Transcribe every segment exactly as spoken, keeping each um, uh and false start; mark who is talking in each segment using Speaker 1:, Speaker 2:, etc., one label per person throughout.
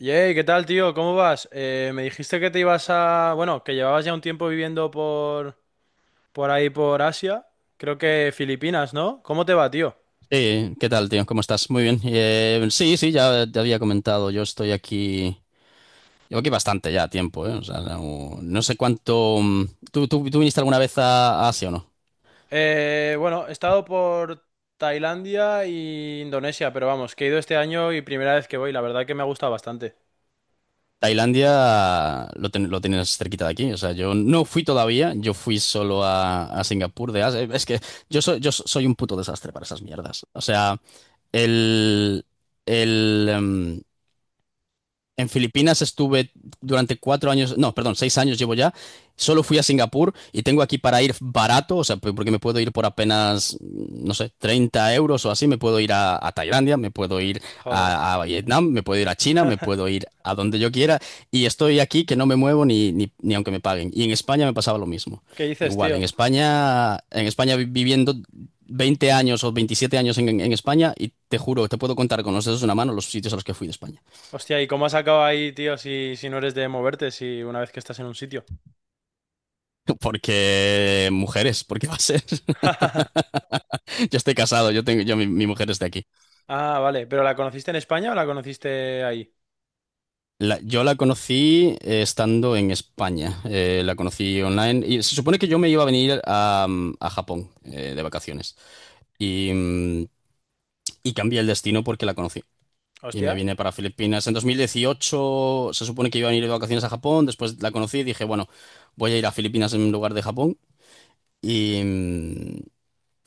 Speaker 1: Yey, ¿qué tal, tío? ¿Cómo vas? Eh, me dijiste que te ibas a... bueno, que llevabas ya un tiempo viviendo por... por ahí, por Asia. Creo que Filipinas, ¿no? ¿Cómo te va, tío?
Speaker 2: Sí, ¿qué tal, tío? ¿Cómo estás? Muy bien. Eh, sí, sí, ya te había comentado. Yo estoy aquí. Llevo aquí bastante ya tiempo, ¿eh? O sea, no, no sé cuánto. mm, ¿Tú, tú, tú viniste alguna vez a a Asia o no?
Speaker 1: Eh, bueno, he estado por Tailandia e Indonesia, pero vamos, que he ido este año y primera vez que voy. La verdad que me ha gustado bastante.
Speaker 2: Tailandia lo, ten- lo tienes cerquita de aquí. O sea, yo no fui todavía. Yo fui solo a, a Singapur de Asia. Es que yo soy, yo soy un puto desastre para esas mierdas. O sea, el. El. em, en Filipinas estuve durante cuatro años, no, perdón, seis años llevo ya. Solo fui a Singapur y tengo aquí para ir barato, o sea, p- porque me puedo ir por apenas, no sé, treinta euros o así. Me puedo ir a, a Tailandia, me puedo ir
Speaker 1: Joder.
Speaker 2: a, a Vietnam, me puedo ir a China, me puedo ir a donde yo quiera. Y estoy aquí que no me muevo ni, ni, ni aunque me paguen. Y en España me pasaba lo mismo.
Speaker 1: ¿Qué dices,
Speaker 2: Igual, en
Speaker 1: tío?
Speaker 2: España, en España vi- viviendo veinte años o veintisiete años en, en España y te juro, te puedo contar con los dedos de una mano los sitios a los que fui de España.
Speaker 1: Hostia, ¿y cómo has acabado ahí, tío, si, si no eres de moverte, si una vez que estás en un sitio?
Speaker 2: Porque mujeres, porque va a ser. Yo estoy casado, yo tengo, yo, mi, mi mujer es de aquí.
Speaker 1: Ah, vale. ¿Pero la conociste en España o la conociste ahí?
Speaker 2: La- yo la conocí eh, estando en España. Eh, la conocí online. Y se supone que yo me iba a venir a, mm, a Japón eh, de vacaciones. Y, mm, y cambié el destino porque la conocí. Y me
Speaker 1: Hostia.
Speaker 2: vine para Filipinas. En dos mil dieciocho. Se supone que iba a venir de vacaciones a Japón. Después la conocí y dije, bueno, voy a ir a Filipinas en lugar de Japón. Y, mm,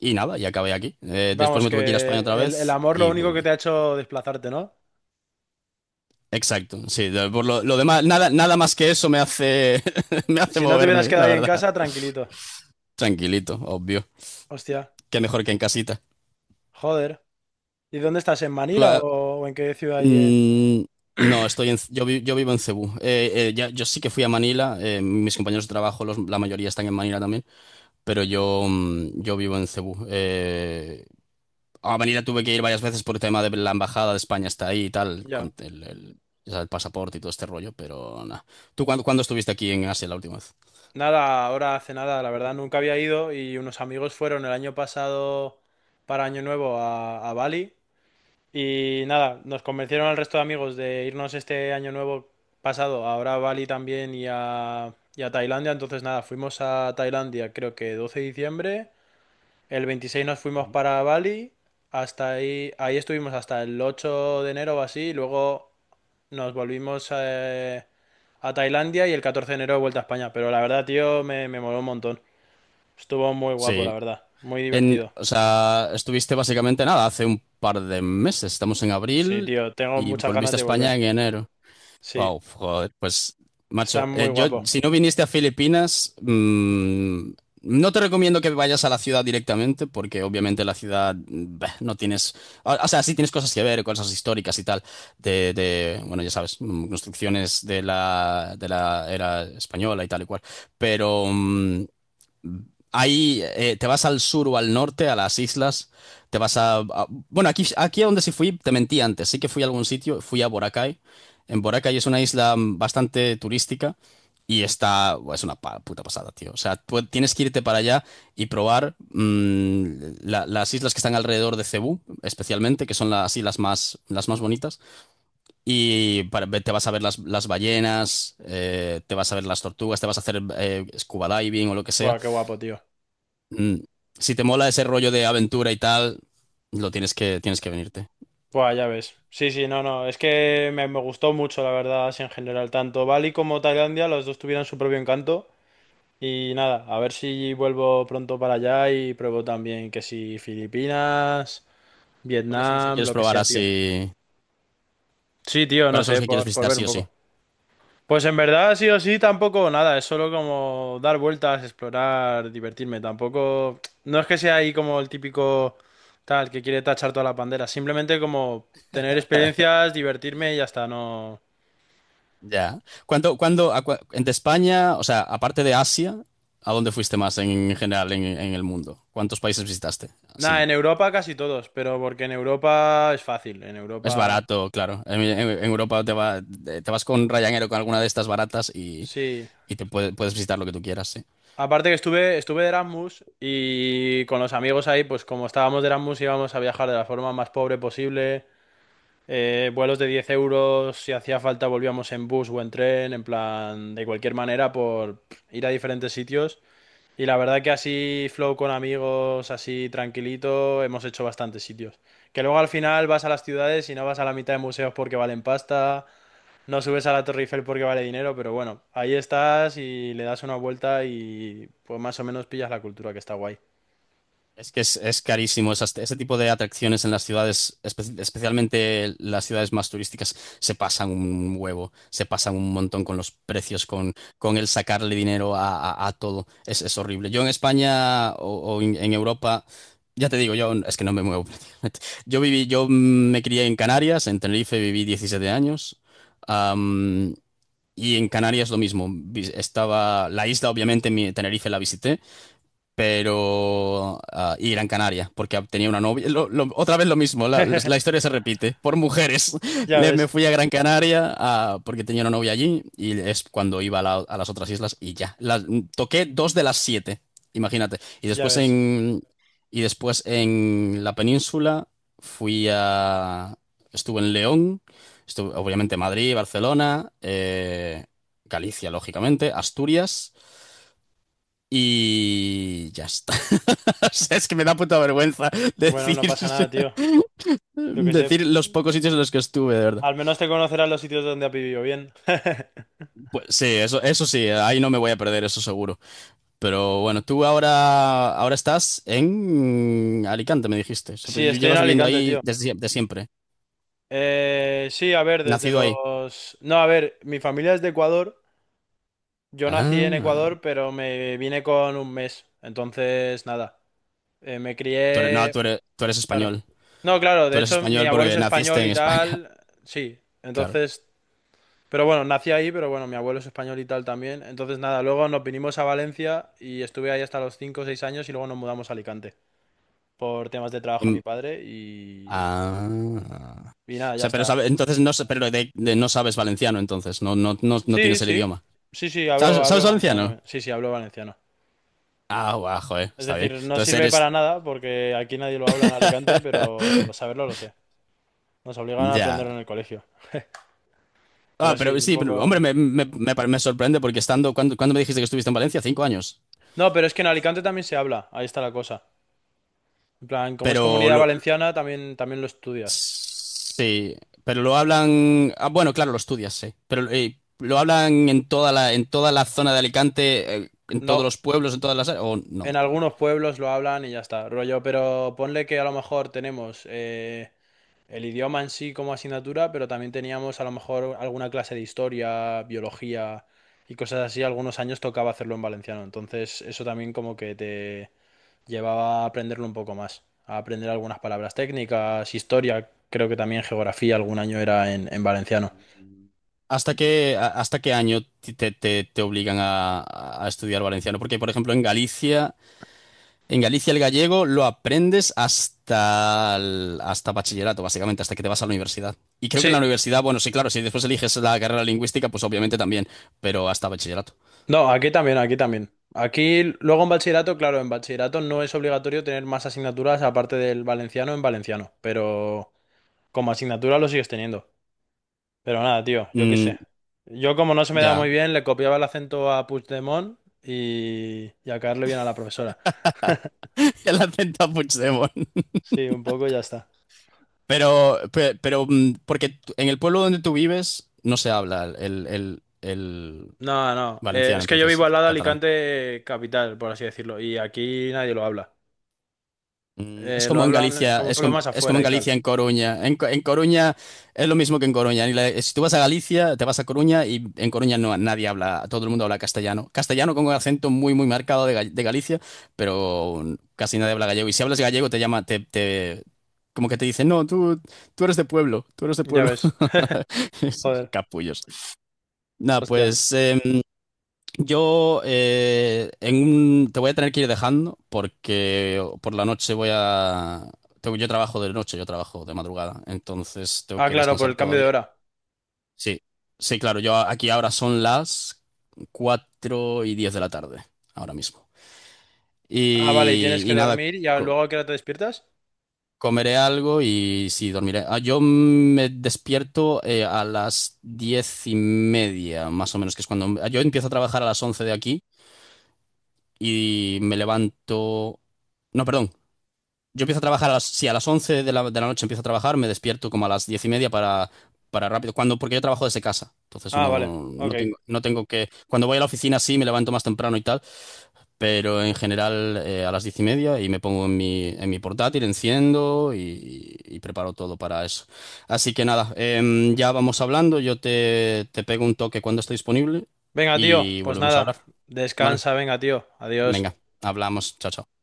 Speaker 2: y nada, y acabé aquí. Eh, después
Speaker 1: Vamos,
Speaker 2: me tuve que ir a España otra
Speaker 1: que el, el
Speaker 2: vez
Speaker 1: amor lo
Speaker 2: y
Speaker 1: único que te
Speaker 2: volví.
Speaker 1: ha hecho desplazarte, ¿no?
Speaker 2: Exacto, sí, de- por lo, lo demás, nada, nada más que eso me hace, me hace
Speaker 1: Si no te hubieras
Speaker 2: moverme, la
Speaker 1: quedado ahí en
Speaker 2: verdad.
Speaker 1: casa, tranquilito.
Speaker 2: Tranquilito, obvio.
Speaker 1: Hostia,
Speaker 2: Qué mejor que en casita.
Speaker 1: joder. ¿Y dónde estás? ¿En
Speaker 2: Tú,
Speaker 1: Manila
Speaker 2: ah,
Speaker 1: o, o en qué ciudad ahí? En...?
Speaker 2: mm, no, estoy en, yo, vi- yo vivo en Cebú. Eh, eh, ya- yo sí que fui a Manila, eh, mis compañeros de trabajo, los- la mayoría están en Manila también, pero yo, mm, yo vivo en Cebú. Eh, a Manila tuve que ir varias veces por el tema de la embajada de España está ahí y tal,
Speaker 1: Ya.
Speaker 2: con el, el, ya sabes, el pasaporte y todo este rollo, pero nada. ¿Tú cuándo, cuándo estuviste aquí en Asia la última vez?
Speaker 1: Nada, ahora hace nada, la verdad, nunca había ido y unos amigos fueron el año pasado para Año Nuevo a, a Bali y nada, nos convencieron al resto de amigos de irnos este Año Nuevo pasado, ahora a Bali también y a, y a Tailandia, entonces nada, fuimos a Tailandia creo que doce de diciembre. El veintiséis nos fuimos
Speaker 2: Ujú.
Speaker 1: para Bali, hasta ahí, ahí estuvimos hasta el ocho de enero o así, y luego nos volvimos eh, a Tailandia y el catorce de enero vuelta a España. Pero la verdad, tío, me, me moló un montón. Estuvo muy guapo, la
Speaker 2: Sí,
Speaker 1: verdad. Muy
Speaker 2: en,
Speaker 1: divertido.
Speaker 2: o sea, estuviste básicamente nada, hace un par de meses, estamos en
Speaker 1: Sí,
Speaker 2: abril
Speaker 1: tío, tengo
Speaker 2: y
Speaker 1: muchas ganas
Speaker 2: volviste a
Speaker 1: de
Speaker 2: España
Speaker 1: volver.
Speaker 2: en enero.
Speaker 1: Sí,
Speaker 2: Wow, joder, pues
Speaker 1: está
Speaker 2: macho,
Speaker 1: muy
Speaker 2: eh, yo
Speaker 1: guapo.
Speaker 2: si no viniste a Filipinas, mm, no te recomiendo que vayas a la ciudad directamente porque obviamente la ciudad mm, bah, no tienes, o, o sea, sí tienes cosas que ver, cosas históricas y tal, de, de, bueno, ya sabes, mm, construcciones de la, de la era española y tal y cual, pero... mm, ahí eh, te vas al sur o al norte, a las islas, te vas a... a- bueno, aquí, aquí a donde sí fui, te mentí antes, sí que fui a algún sitio, fui a Boracay. En Boracay es una isla mm, bastante turística y está... buah, es una pa- puta pasada, tío. O sea, tú tienes que irte para allá y probar mm, la- las islas que están alrededor de Cebú, especialmente, que son las islas más, las más bonitas. Y para- te vas a ver las, las ballenas, eh, te vas a ver las tortugas, te vas a hacer eh, scuba diving o lo que sea.
Speaker 1: Buah, qué guapo, tío.
Speaker 2: Mm, Si te mola ese rollo de aventura y tal, lo tienes que, tienes que venirte.
Speaker 1: Buah, ya ves. Sí, sí, no, no. Es que me, me gustó mucho, la verdad, así en general. Tanto Bali como Tailandia, los dos tuvieron su propio encanto. Y nada, a ver si vuelvo pronto para allá y pruebo también que si Filipinas,
Speaker 2: ¿Cuáles son los que
Speaker 1: Vietnam,
Speaker 2: quieres
Speaker 1: lo que
Speaker 2: probar
Speaker 1: sea, tío.
Speaker 2: así?
Speaker 1: Sí, tío, no
Speaker 2: ¿Cuáles son los
Speaker 1: sé,
Speaker 2: que quieres
Speaker 1: por, por
Speaker 2: visitar
Speaker 1: ver
Speaker 2: sí
Speaker 1: un
Speaker 2: o
Speaker 1: poco.
Speaker 2: sí?
Speaker 1: Pues en verdad, sí o sí, tampoco nada, es solo como dar vueltas, explorar, divertirme. Tampoco, no es que sea ahí como el típico tal que quiere tachar toda la bandera, simplemente como tener experiencias, divertirme y ya está, no.
Speaker 2: Ya. ¿Cuándo, cuándo, a cua- en de España, o sea, aparte de Asia, ¿a dónde fuiste más en, general en, en el mundo? ¿Cuántos países visitaste?
Speaker 1: Nada,
Speaker 2: Así,
Speaker 1: en Europa casi todos, pero porque en Europa es fácil, en
Speaker 2: es
Speaker 1: Europa
Speaker 2: barato, claro. En, en- en Europa te va- te vas con Ryanair o con alguna de estas baratas y,
Speaker 1: sí.
Speaker 2: y te puede- puedes visitar lo que tú quieras, sí.
Speaker 1: Aparte que estuve, estuve de Erasmus y con los amigos ahí, pues como estábamos de Erasmus íbamos a viajar de la forma más pobre posible, eh, vuelos de diez euros, si hacía falta volvíamos en bus o en tren, en plan, de cualquier manera por ir a diferentes sitios. Y la verdad que así flow con amigos, así tranquilito, hemos hecho bastantes sitios. Que luego al final vas a las ciudades y no vas a la mitad de museos porque valen pasta, no subes a la Torre Eiffel porque vale dinero, pero bueno, ahí estás y le das una vuelta y pues más o menos pillas la cultura que está guay.
Speaker 2: Es que es, es carísimo. Esas- ese tipo de atracciones en las ciudades, espe- especialmente las ciudades más turísticas, se pasan un huevo, se pasan un montón con los precios, con, con el sacarle dinero a, a- a todo. Es, es horrible. Yo en España o, o en, en Europa, ya te digo, yo es que no me muevo prácticamente. Yo viví, yo me crié en Canarias, en Tenerife viví diecisiete años. am, y en Canarias lo mismo. Vi- Estaba la isla, obviamente, mi Tenerife la visité pero ah, y Gran Canaria, porque tenía una novia. Lo- lo- otra vez lo mismo, la, la historia se repite, por mujeres.
Speaker 1: Ya
Speaker 2: Le, me
Speaker 1: ves,
Speaker 2: fui a Gran Canaria ah, porque tenía una novia allí y es cuando iba a, la- a las otras islas y ya. Las- toqué dos de las siete, imagínate. Y
Speaker 1: ya
Speaker 2: después
Speaker 1: ves.
Speaker 2: en, y después en la península fui a... Estuve en León, estuve obviamente Madrid, Barcelona, eh, Galicia, lógicamente, Asturias. Y ya está. O sea, es que me da puta vergüenza
Speaker 1: Bueno,
Speaker 2: decir,
Speaker 1: no pasa nada, tío. Yo qué sé.
Speaker 2: decir los pocos sitios en los que estuve, de verdad.
Speaker 1: Al menos te conocerás los sitios donde has vivido bien.
Speaker 2: Pues sí, eso, eso sí, ahí no me voy a perder, eso seguro. Pero bueno, tú ahora, ahora estás en Alicante, me dijiste. O sea, pues
Speaker 1: Sí, estoy en
Speaker 2: llevas viviendo
Speaker 1: Alicante,
Speaker 2: ahí
Speaker 1: tío.
Speaker 2: desde de siempre.
Speaker 1: Eh, sí, a ver, desde
Speaker 2: Nacido ahí.
Speaker 1: los... no, a ver, mi familia es de Ecuador. Yo nací en
Speaker 2: Ah,
Speaker 1: Ecuador, pero me vine con un mes. Entonces, nada. Eh, me
Speaker 2: tú eres, no,
Speaker 1: crié...
Speaker 2: tú eres, tú eres
Speaker 1: Claro.
Speaker 2: español.
Speaker 1: No, claro,
Speaker 2: Tú
Speaker 1: de
Speaker 2: eres
Speaker 1: hecho mi
Speaker 2: español
Speaker 1: abuelo es
Speaker 2: porque naciste
Speaker 1: español
Speaker 2: en
Speaker 1: y
Speaker 2: España.
Speaker 1: tal, sí,
Speaker 2: Claro.
Speaker 1: entonces, pero bueno, nací ahí, pero bueno, mi abuelo es español y tal también, entonces nada, luego nos vinimos a Valencia y estuve ahí hasta los cinco o seis años y luego nos mudamos a Alicante por temas de trabajo a
Speaker 2: Em,
Speaker 1: mi padre y,
Speaker 2: ah.
Speaker 1: y nada,
Speaker 2: O
Speaker 1: ya
Speaker 2: sea, pero sabe,
Speaker 1: está.
Speaker 2: entonces no, pero de, de- no sabes valenciano, entonces, no, no, no, no
Speaker 1: Sí,
Speaker 2: tienes el
Speaker 1: sí,
Speaker 2: idioma.
Speaker 1: sí, sí, hablo,
Speaker 2: ¿Sabes, sabes
Speaker 1: hablo valenciano
Speaker 2: valenciano?
Speaker 1: también, sí, sí, hablo valenciano.
Speaker 2: Ah, guau, joder,
Speaker 1: Es
Speaker 2: está bien.
Speaker 1: decir, no
Speaker 2: Entonces
Speaker 1: sirve para
Speaker 2: eres...
Speaker 1: nada porque aquí nadie lo habla en Alicante, pero saberlo lo sé, nos obligan a
Speaker 2: Ya.
Speaker 1: aprenderlo en el colegio,
Speaker 2: Ah,
Speaker 1: pero sí,
Speaker 2: pero
Speaker 1: un
Speaker 2: sí, pero, hombre,
Speaker 1: poco...
Speaker 2: me, me- me pare- me sorprende porque estando... ¿cuándo, cuándo me dijiste que estuviste en Valencia? Cinco años.
Speaker 1: No, pero es que en Alicante también se habla, ahí está la cosa. En plan, como es
Speaker 2: Pero
Speaker 1: comunidad
Speaker 2: lo...
Speaker 1: valenciana, también, también lo estudias.
Speaker 2: Sí, pero lo hablan... Ah, bueno, claro, lo estudias, sí. Pero eh, lo hablan en toda la, en toda la zona de Alicante, eh, en todos
Speaker 1: No,
Speaker 2: los pueblos, en todas las... áreas, ¿o no?
Speaker 1: en algunos pueblos lo hablan y ya está, rollo, pero ponle que a lo mejor tenemos eh, el idioma en sí como asignatura, pero también teníamos a lo mejor alguna clase de historia, biología y cosas así. Algunos años tocaba hacerlo en valenciano, entonces eso también como que te llevaba a aprenderlo un poco más, a aprender algunas palabras técnicas, historia, creo que también geografía algún año era en en valenciano.
Speaker 2: ¿Hasta qué, a- hasta qué año ti- te, te- te obligan a, a estudiar valenciano? Porque, por ejemplo, en Galicia, en Galicia el gallego lo aprendes hasta, el- hasta bachillerato, básicamente, hasta que te vas a la universidad. Y creo que en
Speaker 1: Sí,
Speaker 2: la universidad, bueno, sí, claro, si después eliges la carrera lingüística, pues obviamente también, pero hasta bachillerato.
Speaker 1: no, aquí también, aquí también. Aquí, luego en bachillerato, claro, en bachillerato no es obligatorio tener más asignaturas aparte del valenciano en valenciano, pero como asignatura lo sigues teniendo. Pero nada, tío, yo qué
Speaker 2: Mm,
Speaker 1: sé. Yo como no se me da muy
Speaker 2: ya,
Speaker 1: bien, le copiaba el acento a Puigdemont y, y a caerle bien a la profesora.
Speaker 2: el acento a Puigdemont.
Speaker 1: Sí, un poco y ya está.
Speaker 2: Pero, pe- pero, mm, porque tú- en el pueblo donde tú vives no se habla el, el, el
Speaker 1: No, no, eh,
Speaker 2: valenciano,
Speaker 1: es que yo vivo
Speaker 2: entonces,
Speaker 1: al lado de
Speaker 2: catalán.
Speaker 1: Alicante capital, por así decirlo, y aquí nadie lo habla.
Speaker 2: Mm, Es
Speaker 1: Eh, lo
Speaker 2: como en
Speaker 1: hablan
Speaker 2: Galicia,
Speaker 1: como
Speaker 2: es
Speaker 1: pueblos
Speaker 2: como,
Speaker 1: más
Speaker 2: es como
Speaker 1: afuera
Speaker 2: en
Speaker 1: y tal.
Speaker 2: Galicia, en Coruña. En, Co- en Coruña es lo mismo que en Coruña. Ni la- Si tú vas a Galicia, te vas a Coruña y en Coruña no, nadie habla, todo el mundo habla castellano. Castellano con un acento muy, muy marcado de, Ga- de Galicia, pero casi nadie habla gallego. Y si hablas gallego, te llama, te, te- como que te dicen, no, tú, tú eres de pueblo, tú eres de
Speaker 1: Ya
Speaker 2: pueblo.
Speaker 1: ves. Joder,
Speaker 2: Capullos. Nada,
Speaker 1: hostia.
Speaker 2: pues em, yo eh, en un- te voy a tener que ir dejando porque por la noche voy a... tengo- yo trabajo de noche, yo trabajo de madrugada, entonces tengo
Speaker 1: Ah,
Speaker 2: que
Speaker 1: claro, por
Speaker 2: descansar
Speaker 1: el cambio de
Speaker 2: todavía.
Speaker 1: hora.
Speaker 2: Sí, sí, claro, yo aquí ahora son las cuatro y diez de la tarde, ahora mismo.
Speaker 1: Ah, vale, y
Speaker 2: Y,
Speaker 1: tienes que
Speaker 2: y nada,
Speaker 1: dormir y a-
Speaker 2: co-
Speaker 1: ¿luego a qué hora te despiertas?
Speaker 2: comeré algo y sí, dormiré. Ah, yo me despierto eh, a las diez y media, más o menos, que es cuando... ah, yo empiezo a trabajar a las once de aquí. Y me levanto... No, perdón. Yo empiezo a trabajar a las... Sí, a las once de la, de la noche empiezo a trabajar, me despierto como a las diez y media para, para rápido. Cuando, porque yo trabajo desde casa, entonces
Speaker 1: Ah, vale,
Speaker 2: no,
Speaker 1: ok.
Speaker 2: no tengo, no tengo que... Cuando voy a la oficina sí, me levanto más temprano y tal, pero en general eh, a las diez y media y me pongo en mi, en mi portátil, enciendo y, y preparo todo para eso. Así que nada, em, ya vamos hablando, yo te, te pego un toque cuando esté disponible
Speaker 1: Venga, tío,
Speaker 2: y
Speaker 1: pues
Speaker 2: volvemos a
Speaker 1: nada,
Speaker 2: hablar. ¿Vale?
Speaker 1: descansa, venga, tío, adiós.
Speaker 2: Venga, hablamos. Chao, chao.